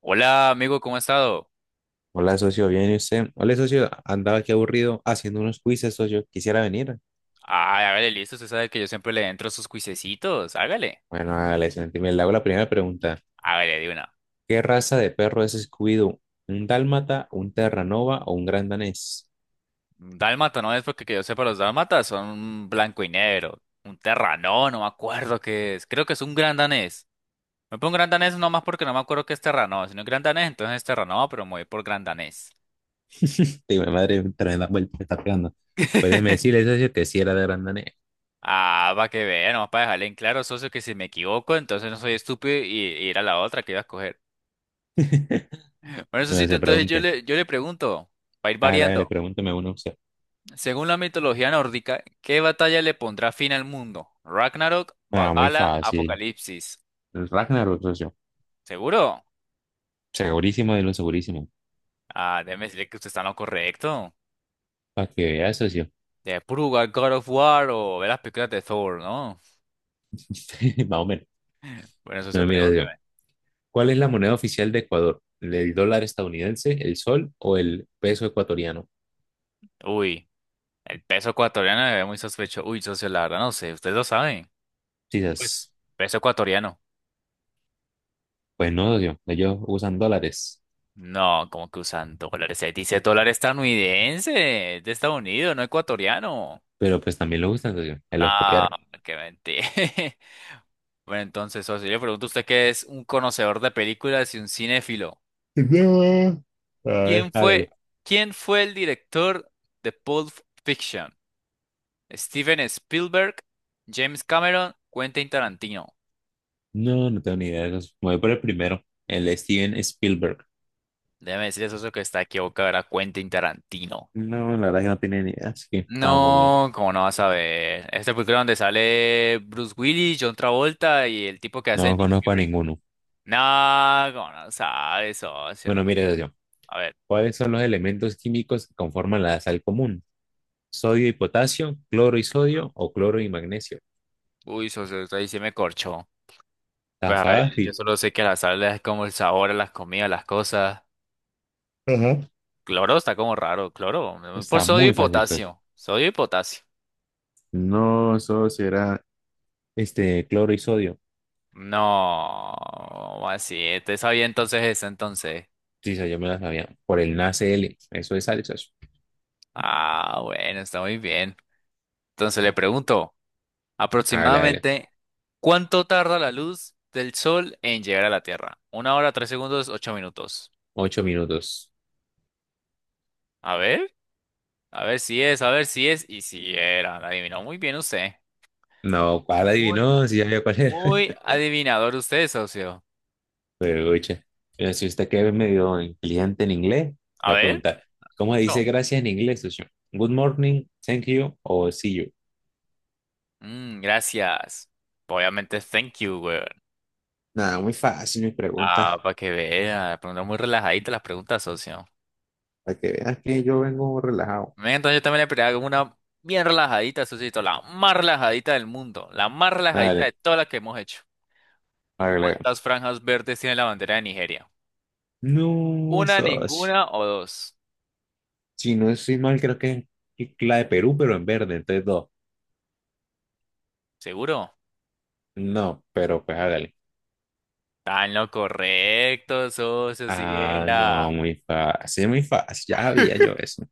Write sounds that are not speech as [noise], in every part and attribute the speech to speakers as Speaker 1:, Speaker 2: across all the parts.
Speaker 1: Hola, amigo, ¿cómo ha estado?
Speaker 2: Hola, socio, ¿bien y usted? Hola, socio, andaba aquí aburrido haciendo unos quizzes, socio, quisiera venir.
Speaker 1: Ay, hágale, listo, usted sabe que yo siempre le entro a sus cuisecitos, hágale.
Speaker 2: Bueno, hágale, sentime. Le hago la primera pregunta.
Speaker 1: Hágale, de una.
Speaker 2: ¿Qué raza de perro es Scooby-Doo? ¿Un dálmata, un terranova o un gran danés?
Speaker 1: Un Dálmata, no es porque que yo sepa, los dálmatas son un blanco y negro, un terranó, no me acuerdo qué es, creo que es un gran danés. Me pongo gran danés no más porque no me acuerdo qué es terranó, si no es gran danés, entonces es terranó, pero me voy por gran danés.
Speaker 2: Digo, mi madre, tremenda vuelta, me está pegando. Pues déjeme
Speaker 1: [laughs]
Speaker 2: decirle, socio, que sí era de gran danés.
Speaker 1: Ah, para que vea, nomás para dejarle en claro, socio, que si me equivoco, entonces no soy estúpido y, ir a la otra que iba a escoger. Bueno,
Speaker 2: Bueno,
Speaker 1: socito,
Speaker 2: se
Speaker 1: entonces
Speaker 2: pregunte.
Speaker 1: yo le pregunto, para ir
Speaker 2: Hágale, hágale,
Speaker 1: variando.
Speaker 2: pregúnteme uno usted.
Speaker 1: Según la mitología nórdica, ¿qué batalla le pondrá fin al mundo? Ragnarok,
Speaker 2: Ah, muy
Speaker 1: Valhalla,
Speaker 2: fácil.
Speaker 1: Apocalipsis.
Speaker 2: El Ragnarok, socio.
Speaker 1: ¿Seguro?
Speaker 2: Segurísimo de lo segurísimo.
Speaker 1: Ah, déjeme decirle que usted está en lo correcto.
Speaker 2: Para que vea, socio.
Speaker 1: De Pruga, God of War o ver las películas de Thor, ¿no?
Speaker 2: [laughs] Más o menos.
Speaker 1: Bueno, eso se
Speaker 2: No, mira,
Speaker 1: pregúnteme.
Speaker 2: ¿cuál es la moneda oficial de Ecuador? ¿El dólar estadounidense, el sol o el peso ecuatoriano?
Speaker 1: Uy, el peso ecuatoriano me ve muy sospechoso. Uy, socio, la verdad no sé, ustedes lo saben. No, pues,
Speaker 2: Quizás,
Speaker 1: peso ecuatoriano.
Speaker 2: pues no, socio, ellos usan dólares,
Speaker 1: No, como que usan dólares. Se dice dólar estadounidense, es de Estados Unidos, no ecuatoriano.
Speaker 2: pero pues también lo usan, socio, ahí los
Speaker 1: No,
Speaker 2: copiaron.
Speaker 1: qué mentira. [laughs] Bueno, entonces, socio, yo le pregunto a usted que es un conocedor de películas y un cinéfilo.
Speaker 2: No. A ver.
Speaker 1: ¿Quién fue,
Speaker 2: Hágale.
Speaker 1: ¿quién fue el director de Pulp Fiction? ¿Steven Spielberg, James Cameron, Quentin Tarantino?
Speaker 2: No, no tengo ni idea de eso. Me voy por el primero, el Steven Spielberg.
Speaker 1: Déjeme decirle, socio, que está equivocado, era Quentin Tarantino.
Speaker 2: No, la verdad que no tenía ni idea, así que estaba muy bien.
Speaker 1: No, ¿cómo no vas a ver? Esta película donde sale Bruce Willis, John Travolta y el tipo que hace
Speaker 2: No
Speaker 1: Nick
Speaker 2: conozco a
Speaker 1: Fury.
Speaker 2: ninguno.
Speaker 1: No, ¿cómo no sabe, socio? No.
Speaker 2: Bueno, mire, socio,
Speaker 1: A ver,
Speaker 2: ¿cuáles son los elementos químicos que conforman la sal común? ¿Sodio y potasio, cloro y sodio o cloro y magnesio?
Speaker 1: uy, socio, usted ahí sí me corchó.
Speaker 2: Está
Speaker 1: Pues, ay, yo
Speaker 2: fácil.
Speaker 1: solo sé que la sal es como el sabor a las comidas, las cosas.
Speaker 2: Ujú.
Speaker 1: Cloro está como raro, cloro. Por
Speaker 2: Está
Speaker 1: sodio y
Speaker 2: muy fácil, creo.
Speaker 1: potasio. Sodio y potasio.
Speaker 2: No, eso sí era este cloro y sodio.
Speaker 1: No, así, te sabía entonces eso entonces.
Speaker 2: Sí, sí, yo me la sabía. Por el NaCl. Eso es sal, socio.
Speaker 1: Ah, bueno, está muy bien. Entonces le pregunto,
Speaker 2: Hágale, hágale.
Speaker 1: aproximadamente, ¿cuánto tarda la luz del sol en llegar a la Tierra? Una hora, tres segundos, ocho minutos.
Speaker 2: 8 minutos.
Speaker 1: A ver, a ver si es, y si era, la adivinó muy bien usted.
Speaker 2: No, ¿cuál
Speaker 1: Muy
Speaker 2: adivinó? Si ya había cuál era.
Speaker 1: Muy adivinador usted, socio.
Speaker 2: [laughs] Pero, oye, mira, si usted que es medio inteligente en inglés,
Speaker 1: A
Speaker 2: la a
Speaker 1: ver.
Speaker 2: preguntar, ¿cómo se dice
Speaker 1: Mucho.
Speaker 2: gracias en inglés, socio? Good morning, thank you o see you.
Speaker 1: Mm, gracias. Obviamente, thank you, weón.
Speaker 2: Nada, muy fácil mis preguntas.
Speaker 1: Ah, para que vea. Preguntas muy relajaditas las preguntas, socio.
Speaker 2: Para que veas que yo vengo relajado.
Speaker 1: Venga, entonces yo también le pregunto una bien relajadita, socito. La más relajadita del mundo. La más relajadita de
Speaker 2: Dale,
Speaker 1: todas las que hemos hecho.
Speaker 2: hágale, hágale.
Speaker 1: ¿Cuántas franjas verdes tiene la bandera de Nigeria?
Speaker 2: No,
Speaker 1: ¿Una,
Speaker 2: socio.
Speaker 1: ninguna o dos?
Speaker 2: Si no estoy mal, creo que es la de Perú, pero en verde, entonces dos.
Speaker 1: ¿Seguro?
Speaker 2: No, pero pues hágale.
Speaker 1: Está en lo correcto, socio, si
Speaker 2: Ah, no,
Speaker 1: era.
Speaker 2: muy fácil, ya había yo eso.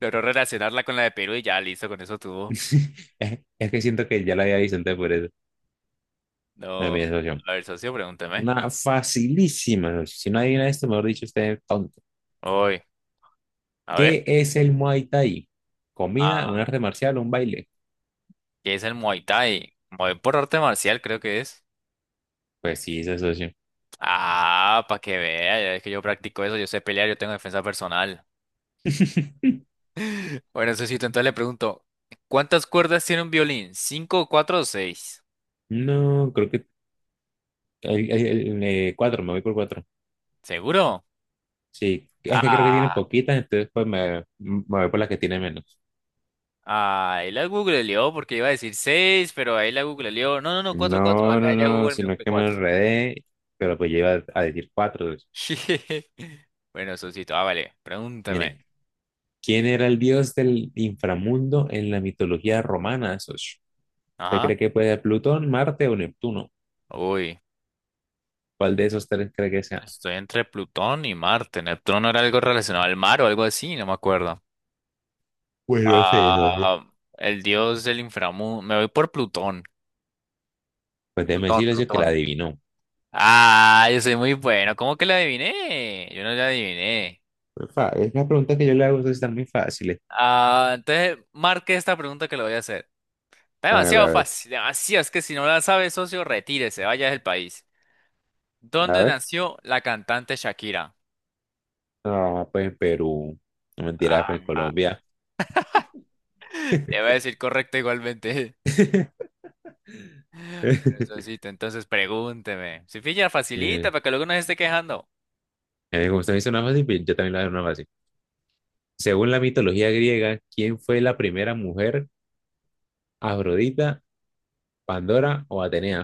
Speaker 1: Logró relacionarla con la de Perú y ya listo, con eso tuvo.
Speaker 2: [laughs] Es que siento que ya lo había visto antes por eso, no
Speaker 1: No,
Speaker 2: mi asociación.
Speaker 1: a ver, socio, pregúnteme.
Speaker 2: Una facilísima, si no adivina esto, mejor dicho, usted es tonto.
Speaker 1: Hoy, a ver,
Speaker 2: ¿Qué es el Muay Thai? ¿Comida, un
Speaker 1: ah,
Speaker 2: arte marcial o un baile?
Speaker 1: ¿qué es el Muay Thai? Muay por arte marcial, creo que es.
Speaker 2: Pues sí, es asociación.
Speaker 1: Ah, para que vea, ya es que yo practico eso, yo sé pelear, yo tengo defensa personal. [laughs]
Speaker 2: [laughs]
Speaker 1: Bueno, Sosito, entonces le pregunto, ¿cuántas cuerdas tiene un violín? ¿Cinco, cuatro o seis?
Speaker 2: No, creo que cuatro, me voy por cuatro.
Speaker 1: ¿Seguro?
Speaker 2: Sí, es que creo que tiene
Speaker 1: Ah,
Speaker 2: poquitas, entonces pues me voy por las que tiene menos.
Speaker 1: ah, ahí la googleó porque iba a decir seis, pero ahí la googleó. No, no, no, cuatro, cuatro,
Speaker 2: No,
Speaker 1: acá
Speaker 2: no,
Speaker 1: ya
Speaker 2: no,
Speaker 1: Google me dijo
Speaker 2: sino
Speaker 1: que
Speaker 2: que me
Speaker 1: cuatro.
Speaker 2: enredé, pero pues yo iba a decir cuatro. Entonces,
Speaker 1: [laughs] Bueno, Sosito, ah, vale, pregúntame.
Speaker 2: mire, ¿quién era el dios del inframundo en la mitología romana? Esos. ¿Usted
Speaker 1: Ajá.
Speaker 2: cree que puede ser Plutón, Marte o Neptuno?
Speaker 1: Uy.
Speaker 2: ¿Cuál de esos tres cree que sea?
Speaker 1: Estoy entre Plutón y Marte. Neptuno era algo relacionado al mar o algo así, no me acuerdo.
Speaker 2: Pues no sé, no sé.
Speaker 1: Ah, el dios del inframundo. Me voy por Plutón.
Speaker 2: Pues déjeme
Speaker 1: Plutón,
Speaker 2: decirle eso que la
Speaker 1: Plutón.
Speaker 2: adivinó.
Speaker 1: Ah, yo soy muy bueno. ¿Cómo que la adiviné? Yo no la adiviné.
Speaker 2: Pues, fa- es una pregunta que yo le hago, ustedes están muy fáciles.
Speaker 1: Ah, entonces marque esta pregunta que le voy a hacer. Está
Speaker 2: Hágale, a
Speaker 1: demasiado
Speaker 2: ver,
Speaker 1: fácil, demasiado. Es que si no la sabe, socio, retírese, vaya del país.
Speaker 2: a
Speaker 1: ¿Dónde
Speaker 2: ver.
Speaker 1: nació la cantante Shakira?
Speaker 2: No, pues en Perú. No mentira, pues en
Speaker 1: Ah,
Speaker 2: Colombia.
Speaker 1: [laughs] le voy a
Speaker 2: [laughs]
Speaker 1: decir correcto igualmente. Precisito, entonces pregúnteme. Si pilla, facilita
Speaker 2: Mira,
Speaker 1: para que luego no se esté quejando.
Speaker 2: Como usted me hizo una fácil, bien, yo también le voy a dar una fácil. Según la mitología griega, ¿quién fue la primera mujer? ¿Afrodita, Pandora o Atenea?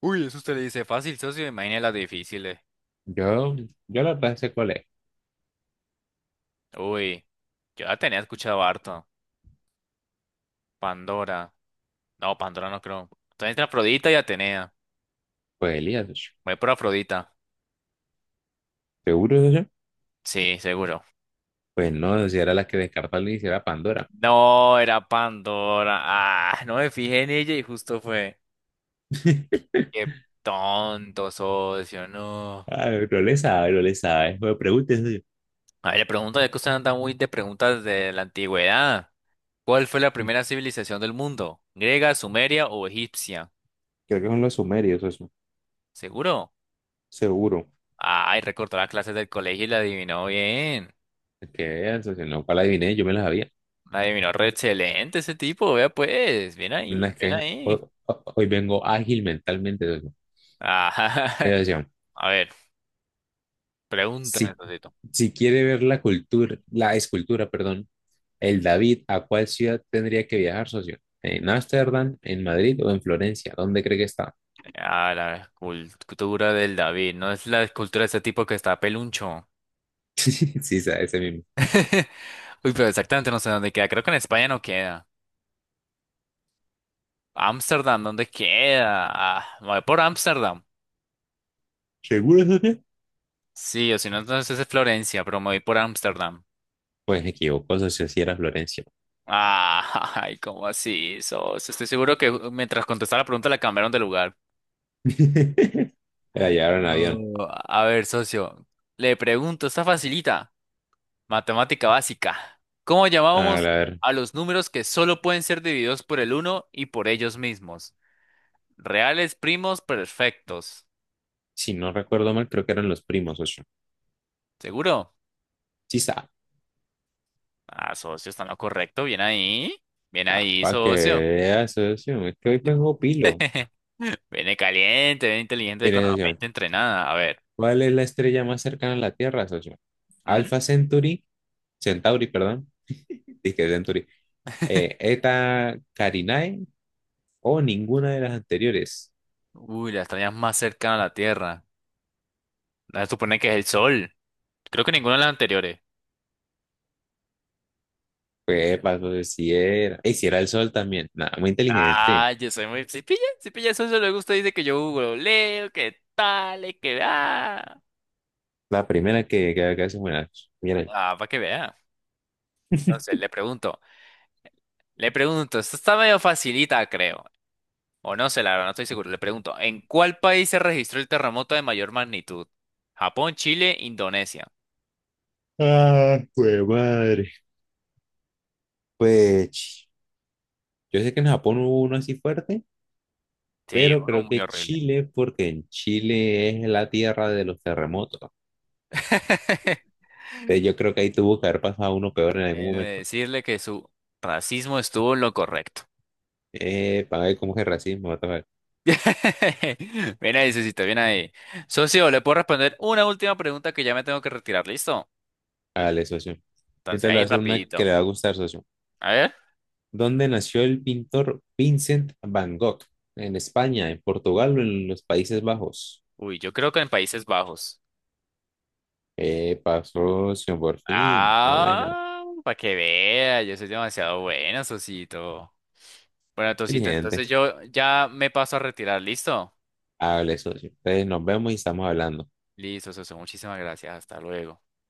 Speaker 1: Uy, eso usted le dice fácil, socio. Imagine las difíciles.
Speaker 2: Yo, yo la verdad sé cuál es.
Speaker 1: Uy, yo la tenía escuchado harto. Pandora. No, Pandora no creo. Entonces entre Afrodita y Atenea.
Speaker 2: Pues Elías, sh-
Speaker 1: Voy por Afrodita.
Speaker 2: ¿seguro de?
Speaker 1: Sí, seguro.
Speaker 2: Pues no, si era la que descartó al inicio, era Pandora.
Speaker 1: No, era Pandora. Ah, no me fijé en ella y justo fue. Qué
Speaker 2: [laughs]
Speaker 1: tonto, socio, no.
Speaker 2: Ah, no le sabe, no le sabe. Pues, me pregunte, socio.
Speaker 1: A ver, le pregunto, ya que usted anda muy de preguntas de la antigüedad. ¿Cuál fue la
Speaker 2: Mm,
Speaker 1: primera civilización del mundo? ¿Griega, sumeria o egipcia?
Speaker 2: creo que son los sumerios, eso.
Speaker 1: ¿Seguro?
Speaker 2: Sí, seguro.
Speaker 1: Ay, recortó las clases del colegio y la adivinó bien.
Speaker 2: Que vean, socio, no, para la adiviné, yo me la sabía.
Speaker 1: La adivinó re excelente ese tipo, vea pues. Bien
Speaker 2: No,
Speaker 1: ahí,
Speaker 2: es
Speaker 1: bien
Speaker 2: que hoy,
Speaker 1: ahí.
Speaker 2: hoy vengo ágil mentalmente,
Speaker 1: Ah,
Speaker 2: socio.
Speaker 1: [laughs] a ver, pregúntame,
Speaker 2: Si,
Speaker 1: Sosito.
Speaker 2: si quiere ver la cultura, la escultura, perdón, el David, ¿a cuál ciudad tendría que viajar, socio? ¿En Ámsterdam, en Madrid o en Florencia? ¿Dónde cree que está?
Speaker 1: Ah, la escultura del David. No es la escultura de ese tipo que está peluncho.
Speaker 2: [laughs] Sí, sabe, ese mismo.
Speaker 1: [laughs] Uy, pero exactamente no sé dónde queda. Creo que en España no queda. Ámsterdam, ¿dónde queda? Ah, me voy por Ámsterdam.
Speaker 2: ¿Seguro, socio?
Speaker 1: Sí, o si no, entonces es Florencia, pero me voy por Ámsterdam.
Speaker 2: Pues me equivoco, socio, si era Florencia.
Speaker 1: Ah, [laughs] ay, ¿cómo así, socio? Estoy seguro que mientras contestaba la pregunta la cambiaron de lugar.
Speaker 2: [laughs] Era llevar en avión.
Speaker 1: No, a ver, socio. Le pregunto, está facilita. Matemática básica. ¿Cómo
Speaker 2: A
Speaker 1: llamábamos
Speaker 2: ver,
Speaker 1: a los números que solo pueden ser divididos por el uno y por ellos mismos? Reales, primos, perfectos.
Speaker 2: si no recuerdo mal, creo que eran los primos, socio.
Speaker 1: ¿Seguro?
Speaker 2: Sí, sabe.
Speaker 1: Ah, socio, está en lo correcto. Bien ahí. Bien
Speaker 2: Ah,
Speaker 1: ahí,
Speaker 2: para que
Speaker 1: socio.
Speaker 2: veas, socio, es que hoy vengo pilo.
Speaker 1: [laughs] Viene caliente, viene inteligente con
Speaker 2: Mire,
Speaker 1: la
Speaker 2: socio,
Speaker 1: mente entrenada. A ver.
Speaker 2: ¿cuál es la estrella más cercana a la Tierra, socio?
Speaker 1: ¿Mm?
Speaker 2: ¿Alpha Centauri, Centauri, perdón, dije Centauri, Eta Carinae o ninguna de las anteriores?
Speaker 1: Uy, la estrella más cercana a la Tierra. La supone que es el Sol. Creo que ninguna de las anteriores.
Speaker 2: Pues, pues, si era, y si era el sol también, nada, muy inteligente.
Speaker 1: Ah, yo soy muy... Si pilla, si pilla, eso se le gusta. Dice que yo googleo, que tal, y que... Ah,
Speaker 2: La primera que se muera. Mira.
Speaker 1: ah, para que vea. Entonces, le pregunto. Le pregunto. Esto está medio facilita, creo. O no sé, la verdad, no estoy seguro. Le pregunto. ¿En cuál país se registró el terremoto de mayor magnitud? Japón, Chile, Indonesia.
Speaker 2: Ah, pues madre. Pues ch- yo sé que en Japón hubo uno así fuerte,
Speaker 1: Sí,
Speaker 2: pero
Speaker 1: uno
Speaker 2: creo
Speaker 1: muy
Speaker 2: que
Speaker 1: horrible.
Speaker 2: Chile, porque en Chile es la tierra de los terremotos.
Speaker 1: [laughs]
Speaker 2: Yo creo que ahí tuvo que haber pasado uno peor en algún
Speaker 1: Déjeme
Speaker 2: momento.
Speaker 1: decirle que su racismo estuvo en lo correcto.
Speaker 2: Para ver cómo es el racismo, what the fuck.
Speaker 1: [laughs] Bien ahí, Susito, bien ahí. Socio, le puedo responder una última pregunta que ya me tengo que retirar, ¿listo?
Speaker 2: Dale, socio. ¿Qué
Speaker 1: Entonces
Speaker 2: tal lo
Speaker 1: ahí
Speaker 2: hace una que
Speaker 1: rapidito.
Speaker 2: le va a gustar, socio?
Speaker 1: A ver.
Speaker 2: ¿Dónde nació el pintor Vincent Van Gogh? ¿En España, en Portugal o en los Países Bajos?
Speaker 1: Uy, yo creo que en Países Bajos.
Speaker 2: Epa, socio, por fin. Una buena.
Speaker 1: Ah, para que vea, yo soy demasiado bueno, Sosito. Bueno, Tosito,
Speaker 2: Inteligente.
Speaker 1: entonces yo ya me paso a retirar, ¿listo?
Speaker 2: Hable, socio. Entonces nos vemos y estamos hablando.
Speaker 1: Listo, Soso, muchísimas gracias, hasta luego.